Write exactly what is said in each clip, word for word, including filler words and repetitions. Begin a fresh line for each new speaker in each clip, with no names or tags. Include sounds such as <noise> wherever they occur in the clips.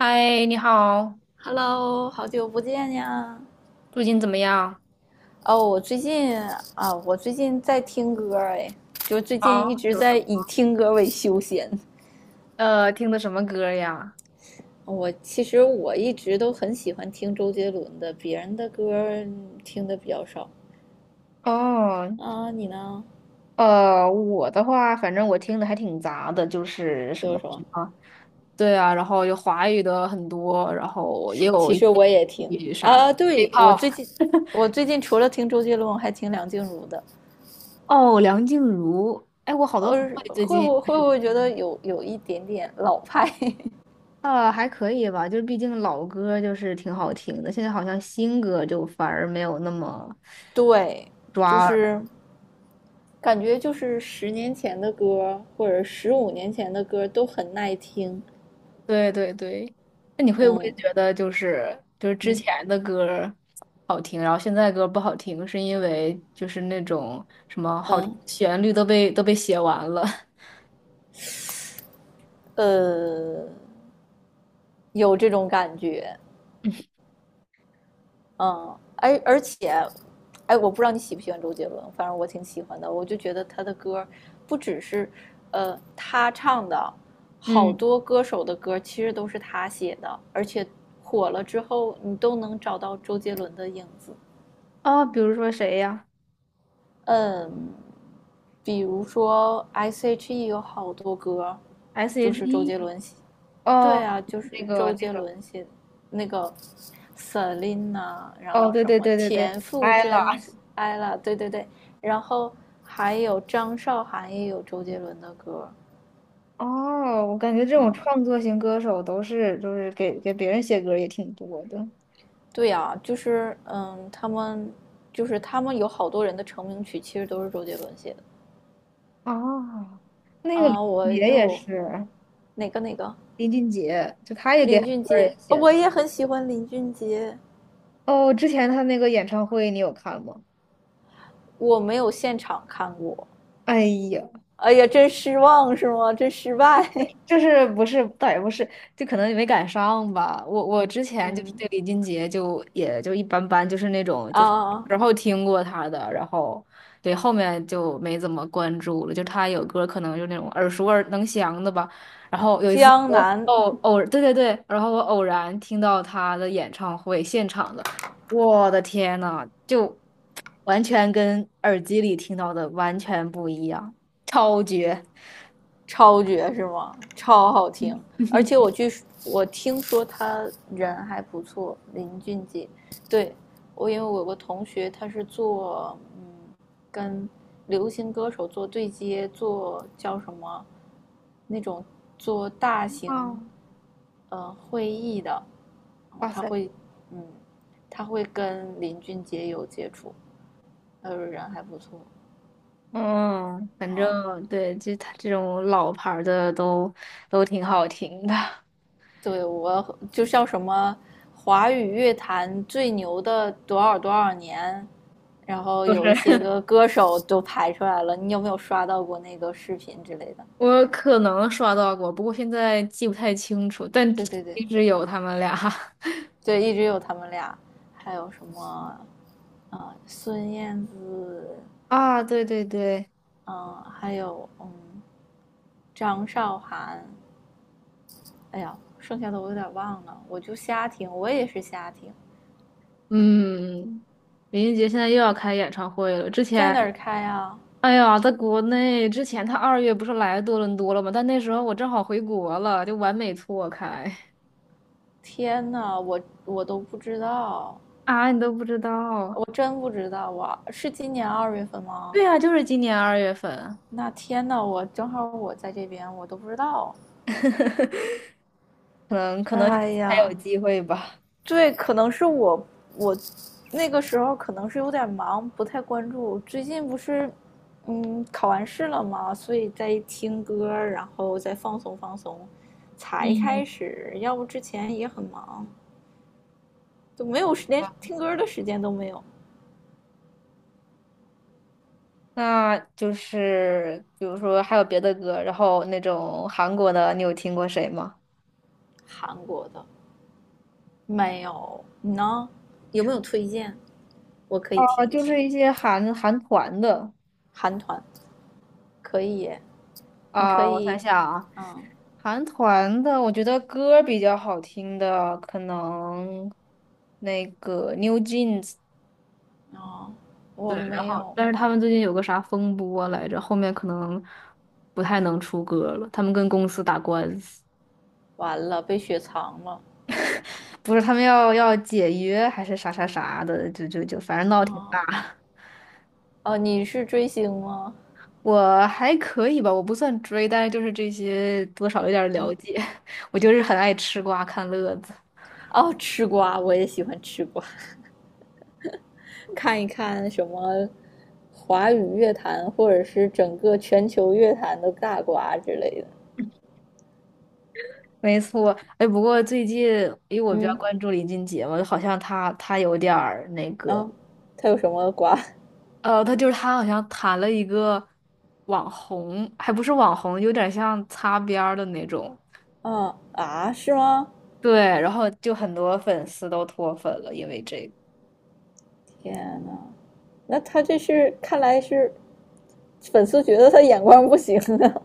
嗨，你好，
Hello，好久不见呀！
最近怎么样？
哦，我最近啊，我最近在听歌儿哎，就最近
好，
一直
有什
在
么
以听歌为休闲。
呃，听的什么歌呀？
我其实我一直都很喜欢听周杰伦的，别人的歌儿嗯听的比较少。
哦，
啊，你呢？
呃，我的话，反正我听的还挺杂的，就是什
都有
么
什么？
什么，对啊，然后有华语的很多，然后也有
其
一些
实我也听。
粤语啥
啊，对，我
K-pop。
最近我最近除了听周杰伦，我还听梁静茹的。
哦，梁静茹，哎，我好多朋
呃，
友也最
会
近，
不会不会觉得有有一点点老派？
呃，还可以吧，就是毕竟老歌就是挺好听的，现在好像新歌就反而没有那么
<laughs> 对，就
抓耳。
是。感觉就是十年前的歌或者十五年前的歌都很耐听，
对对对，那你会不会
嗯
觉得就是就是之
嗯
前的歌儿好听，然后现在歌儿不好听，是因为就是那种什么好听
嗯
的旋律都被都被写完了？<laughs>
呃，有这种感觉，嗯，而而且，哎，我不知道你喜不喜欢周杰伦，反正我挺喜欢的，我就觉得他的歌不只是呃他唱的，好
嗯，
多歌手的歌其实都是他写的，而且火了之后你都能找到周杰伦的影子，
啊，比如说谁呀
嗯，比如说 S H E 有好多歌，就是周杰
？S H E.E。
伦写。
哦，
对啊，就
那
是
个
周
那
杰
个，
伦写那个 Selina，然
哦，
后
对
什
对
么
对对对
田馥甄、
，ella。
ella，对对对，然后还有张韶涵也有周杰伦的歌。
哦，我感觉这种
嗯，
创作型歌手都是就是给给别人写歌儿也挺多的。
对呀、就是嗯，他们就是他们有好多人的成名曲其实都是周杰伦写的
哦，那个李
啊。
俊
我
杰也
又
是，
哪个哪个
李俊杰就他也给
林
很
俊
多
杰，
人
呃
写的。
我也很喜欢林俊杰，
哦，之前他那个演唱会你有看吗？
我没有现场看过，
哎呀，
哎呀，真失望是吗？真失败。
就是不是，倒也不是，就可能没赶上吧。我我之前就是
嗯
对李俊杰就也就一般般，就是那种就是
啊，
然后听过他的，然后对后面就没怎么关注了。就他有歌可能就那种耳熟耳能详的吧。然后有一次
江
我
南。
偶偶对对对，然后我偶然听到他的演唱会现场的，我的天呐，就完全跟耳机里听到的完全不一样，超绝！
超绝是吗？超好听，而且我据我听说他人还不错，林俊杰。对，我，因为我有个同学，他是做嗯跟流行歌手做对接，做叫什么那种做大型
哦，
呃会议的，然后
哇
他
塞！
会嗯他会跟林俊杰有接触，他说人还不错
嗯，反
啊。哦
正对，就他这种老牌儿的都都挺好听的，
对，我就叫什么华语乐坛最牛的多少多少年，然后
就是
有一些
<laughs>
个歌手都排出来了，你有没有刷到过那个视频之类的？
我可能刷到过，不过现在记不太清楚，但
对对对
一直有他们俩
对，一直有他们俩，还有什么啊、呃孙燕姿，
<laughs> 啊，对对对，
嗯、呃还有嗯张韶涵，哎呀，剩下的我有点忘了，我就瞎听，我也是瞎听，
嗯，林俊杰现在又要开演唱会了，之
在
前，
哪儿开啊？
哎呀，在国内之前他二月不是来多伦多了吗？但那时候我正好回国了，就完美错开
天呐，我我都不知道。
<laughs> 啊，你都不知
我
道，
真不知道啊，是今年二月份吗？
对啊，就是今年二月份。
那天呐，我正好我在这边，我都不知道。
<laughs> 可能可能
哎
还有
呀，
机会吧。
对，可能是我我那个时候可能是有点忙，不太关注。最近不是嗯考完试了嘛，所以在听歌，然后再放松放松，才
嗯，
开始。要不之前也很忙，就没有时连听歌的时间都没有。
那就是比如说还有别的歌，然后那种韩国的，你有听过谁吗？
韩国的没有，你呢？有没有推荐？我可以听
啊，
一
就
听。
是一些韩韩团的
韩团可以耶你可
啊，我想
以，
想啊，
嗯，
韩团的，我觉得歌比较好听的，可能那个 New Jeans，
哦，
对，
我
然
没
后
有，
但是他们最近有个啥风波来着，后面可能不太能出歌了，他们跟公司打官司。
完了被雪藏了，
不是他们要要解约还是啥啥啥的，就就就反正闹挺大。
哦哦，你是追星吗？
我还可以吧，我不算追，但是就是这些多少有点儿了
嗯，
解。<laughs> 我就是很爱吃瓜看乐子。
哦，吃瓜我也喜欢吃瓜，看一看什么华语乐坛或者是整个全球乐坛的大瓜之类的。
没错，哎，不过最近因为我比较
嗯
关注林俊杰嘛，好像他他有点儿那个，
啊，他有什么瓜？
呃，他就是他好像谈了一个网红，还不是网红，有点像擦边儿的那种。
啊啊，是吗？
对，然后就很多粉丝都脱粉了，因为这个。
天呐，那他这是看来是粉丝觉得他眼光不行啊！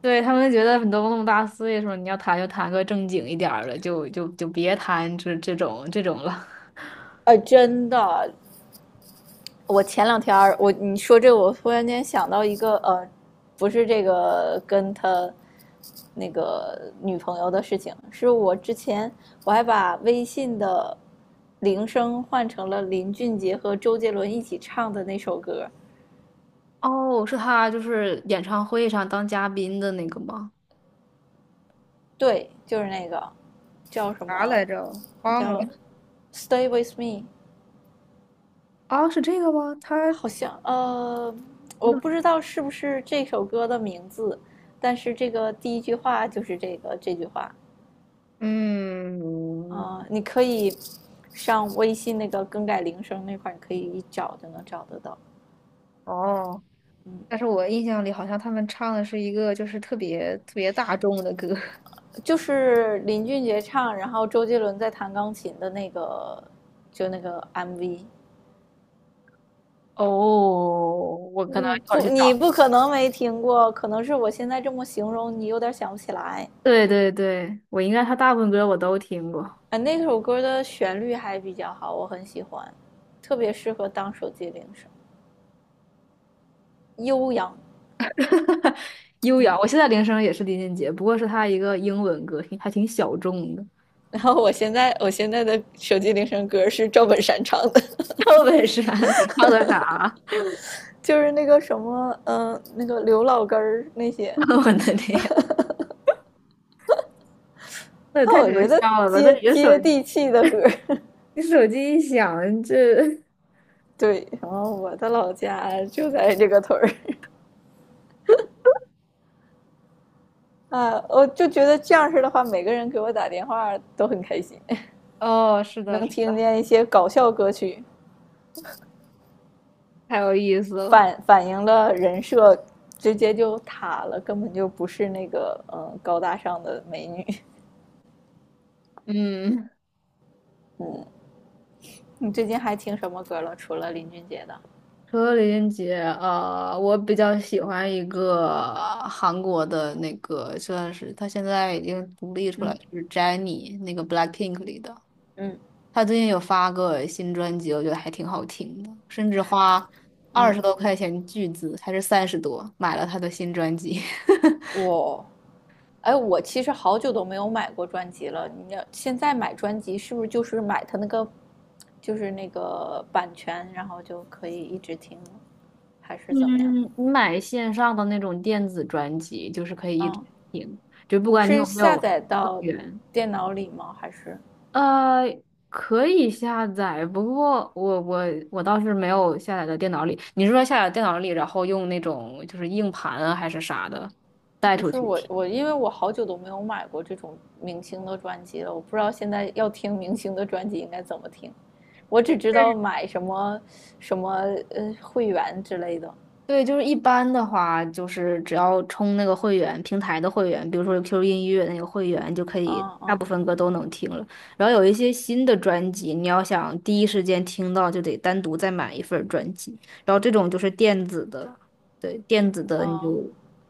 对，他们觉得你都那么大岁数，你要谈就谈个正经一点儿的，就就就别谈这这种这种了。<laughs>
<laughs> 啊，真的，我前两天我你说这，我突然间想到一个呃，不是这个跟他那个女朋友的事情，是我之前我还把微信的铃声换成了林俊杰和周杰伦一起唱的那首歌，
哦，是他就是演唱会上当嘉宾的那个吗？
对，就是那个叫什
啥
么
来着？忘
叫
了。
Stay with me，
啊，是这个吗？他，
好像呃，
我
我
怎么？
不知道是不是这首歌的名字，但是这个第一句话就是这个这句话。
嗯，
啊、呃你可以上微信那个更改铃声那块儿，你可以一找就能找得到。
哦，
嗯，
但是我印象里好像他们唱的是一个就是特别特别大众的歌。<laughs>
就是林俊杰唱，然后周杰伦在弹钢琴的那个，就那个 M V。
哦，我可能
嗯，
一会儿去
不，你
找。
不可能没听过，可能是我现在这么形容，你有点想不起来。
对对对，我应该他大部分歌我都听过。
啊，那首歌的旋律还比较好，我很喜欢，特别适合当手机铃声，悠扬。
<laughs> 哈哈，优
嗯，
雅，我现在铃声也是林俊杰，不过是他一个英文歌，挺还挺小众的。<laughs>
然后我现在我现在的手机铃声歌是赵本山唱的。
赵本山他唱的啥啊？
就是那个什么，嗯、呃那个刘老根儿那些，
<laughs> 我的天，那也
那
太搞
我觉得
笑了吧！那
接
你的手，
接地气的歌
你手机一响，这
<laughs> 对，然后我的老家就在这个屯儿 <laughs> 啊，我就觉得这样式的话，每个人给我打电话都很开心，
<laughs>…… 哦，是
<laughs>
的，
能
是
听
的，
见一些搞笑歌曲，
太有意思了。
反反映了人设直接就塌了，根本就不是那个嗯高大上的美女。<laughs>
嗯，
嗯，你最近还听什么歌了？除了林俊杰的？
除了林俊杰，呃，我比较喜欢一个韩国的那个，算是他现在已经独立出来，
嗯
就是 Jennie 那个 BLACKPINK 里的。
嗯。
他最近有发个新专辑，我觉得还挺好听的，甚至花二十
嗯
多块钱巨资，还是三十多买了他的新专辑。<laughs>
我，哎，我其实好久都没有买过专辑了。你要现在买专辑，是不是就是买它那个，就是那个版权，然后就可以一直听还是怎么样？
嗯，你买线上的那种电子专辑，就是可以一直
嗯，
听，就不管你
是
有没有
下载
会
到
员。
电脑里吗？还是
呃，可以下载，不过我我我倒是没有下载到电脑里。你是说下载电脑里，然后用那种就是硬盘啊还是啥的带
不
出
是
去
我
听？
我因为我好久都没有买过这种明星的专辑了，我不知道现在要听明星的专辑应该怎么听。我只知道买什么什么呃会员之类的。
对，就是一般的话，就是只要充那个会员，平台的会员，比如说 Q Q 音乐那个会员，就可以
嗯
大部
嗯
分歌都能听了。然后有一些新的专辑，你要想skip听到，就得单独再买一份儿专辑。然后这种就是电子的，对，电子的你就
嗯，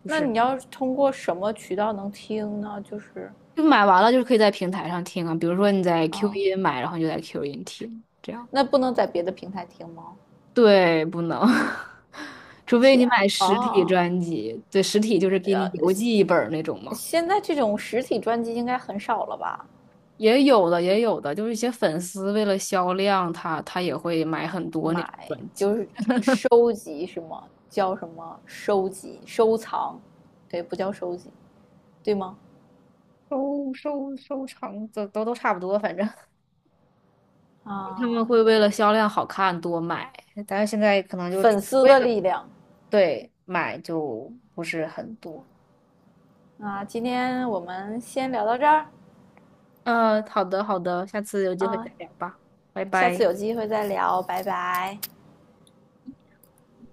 就
那
是
你要通过什么渠道能听呢？就是
就买完了，就是可以在平台上听啊。比如说你在 Q
啊，
音买，然后你就在 Q 音听，这样。
那不能在别的平台听吗？
对，不能，<laughs> 除非你
天
买实体
啊，
专辑，对，实体就是给你邮寄一本儿那种嘛。
现在这种实体专辑应该很少了吧？
也有的，也有的，就是一些粉丝为了销量，他他也会买很多那种
买
专
就
辑，
是收集什么叫什么收集、收藏？对，不叫收集，对吗？
收收收藏，都都都差不多，反正。<laughs> 他们
啊，
会
原
为了
来
销量好看多买。但是现在可能就出
粉丝
为
的
了
力量
对买就不是很多。
啊！今天我们先聊到这儿
呃，好的好的，下次有机会
啊，
再聊吧，拜
下次
拜。
有机会再聊，拜拜。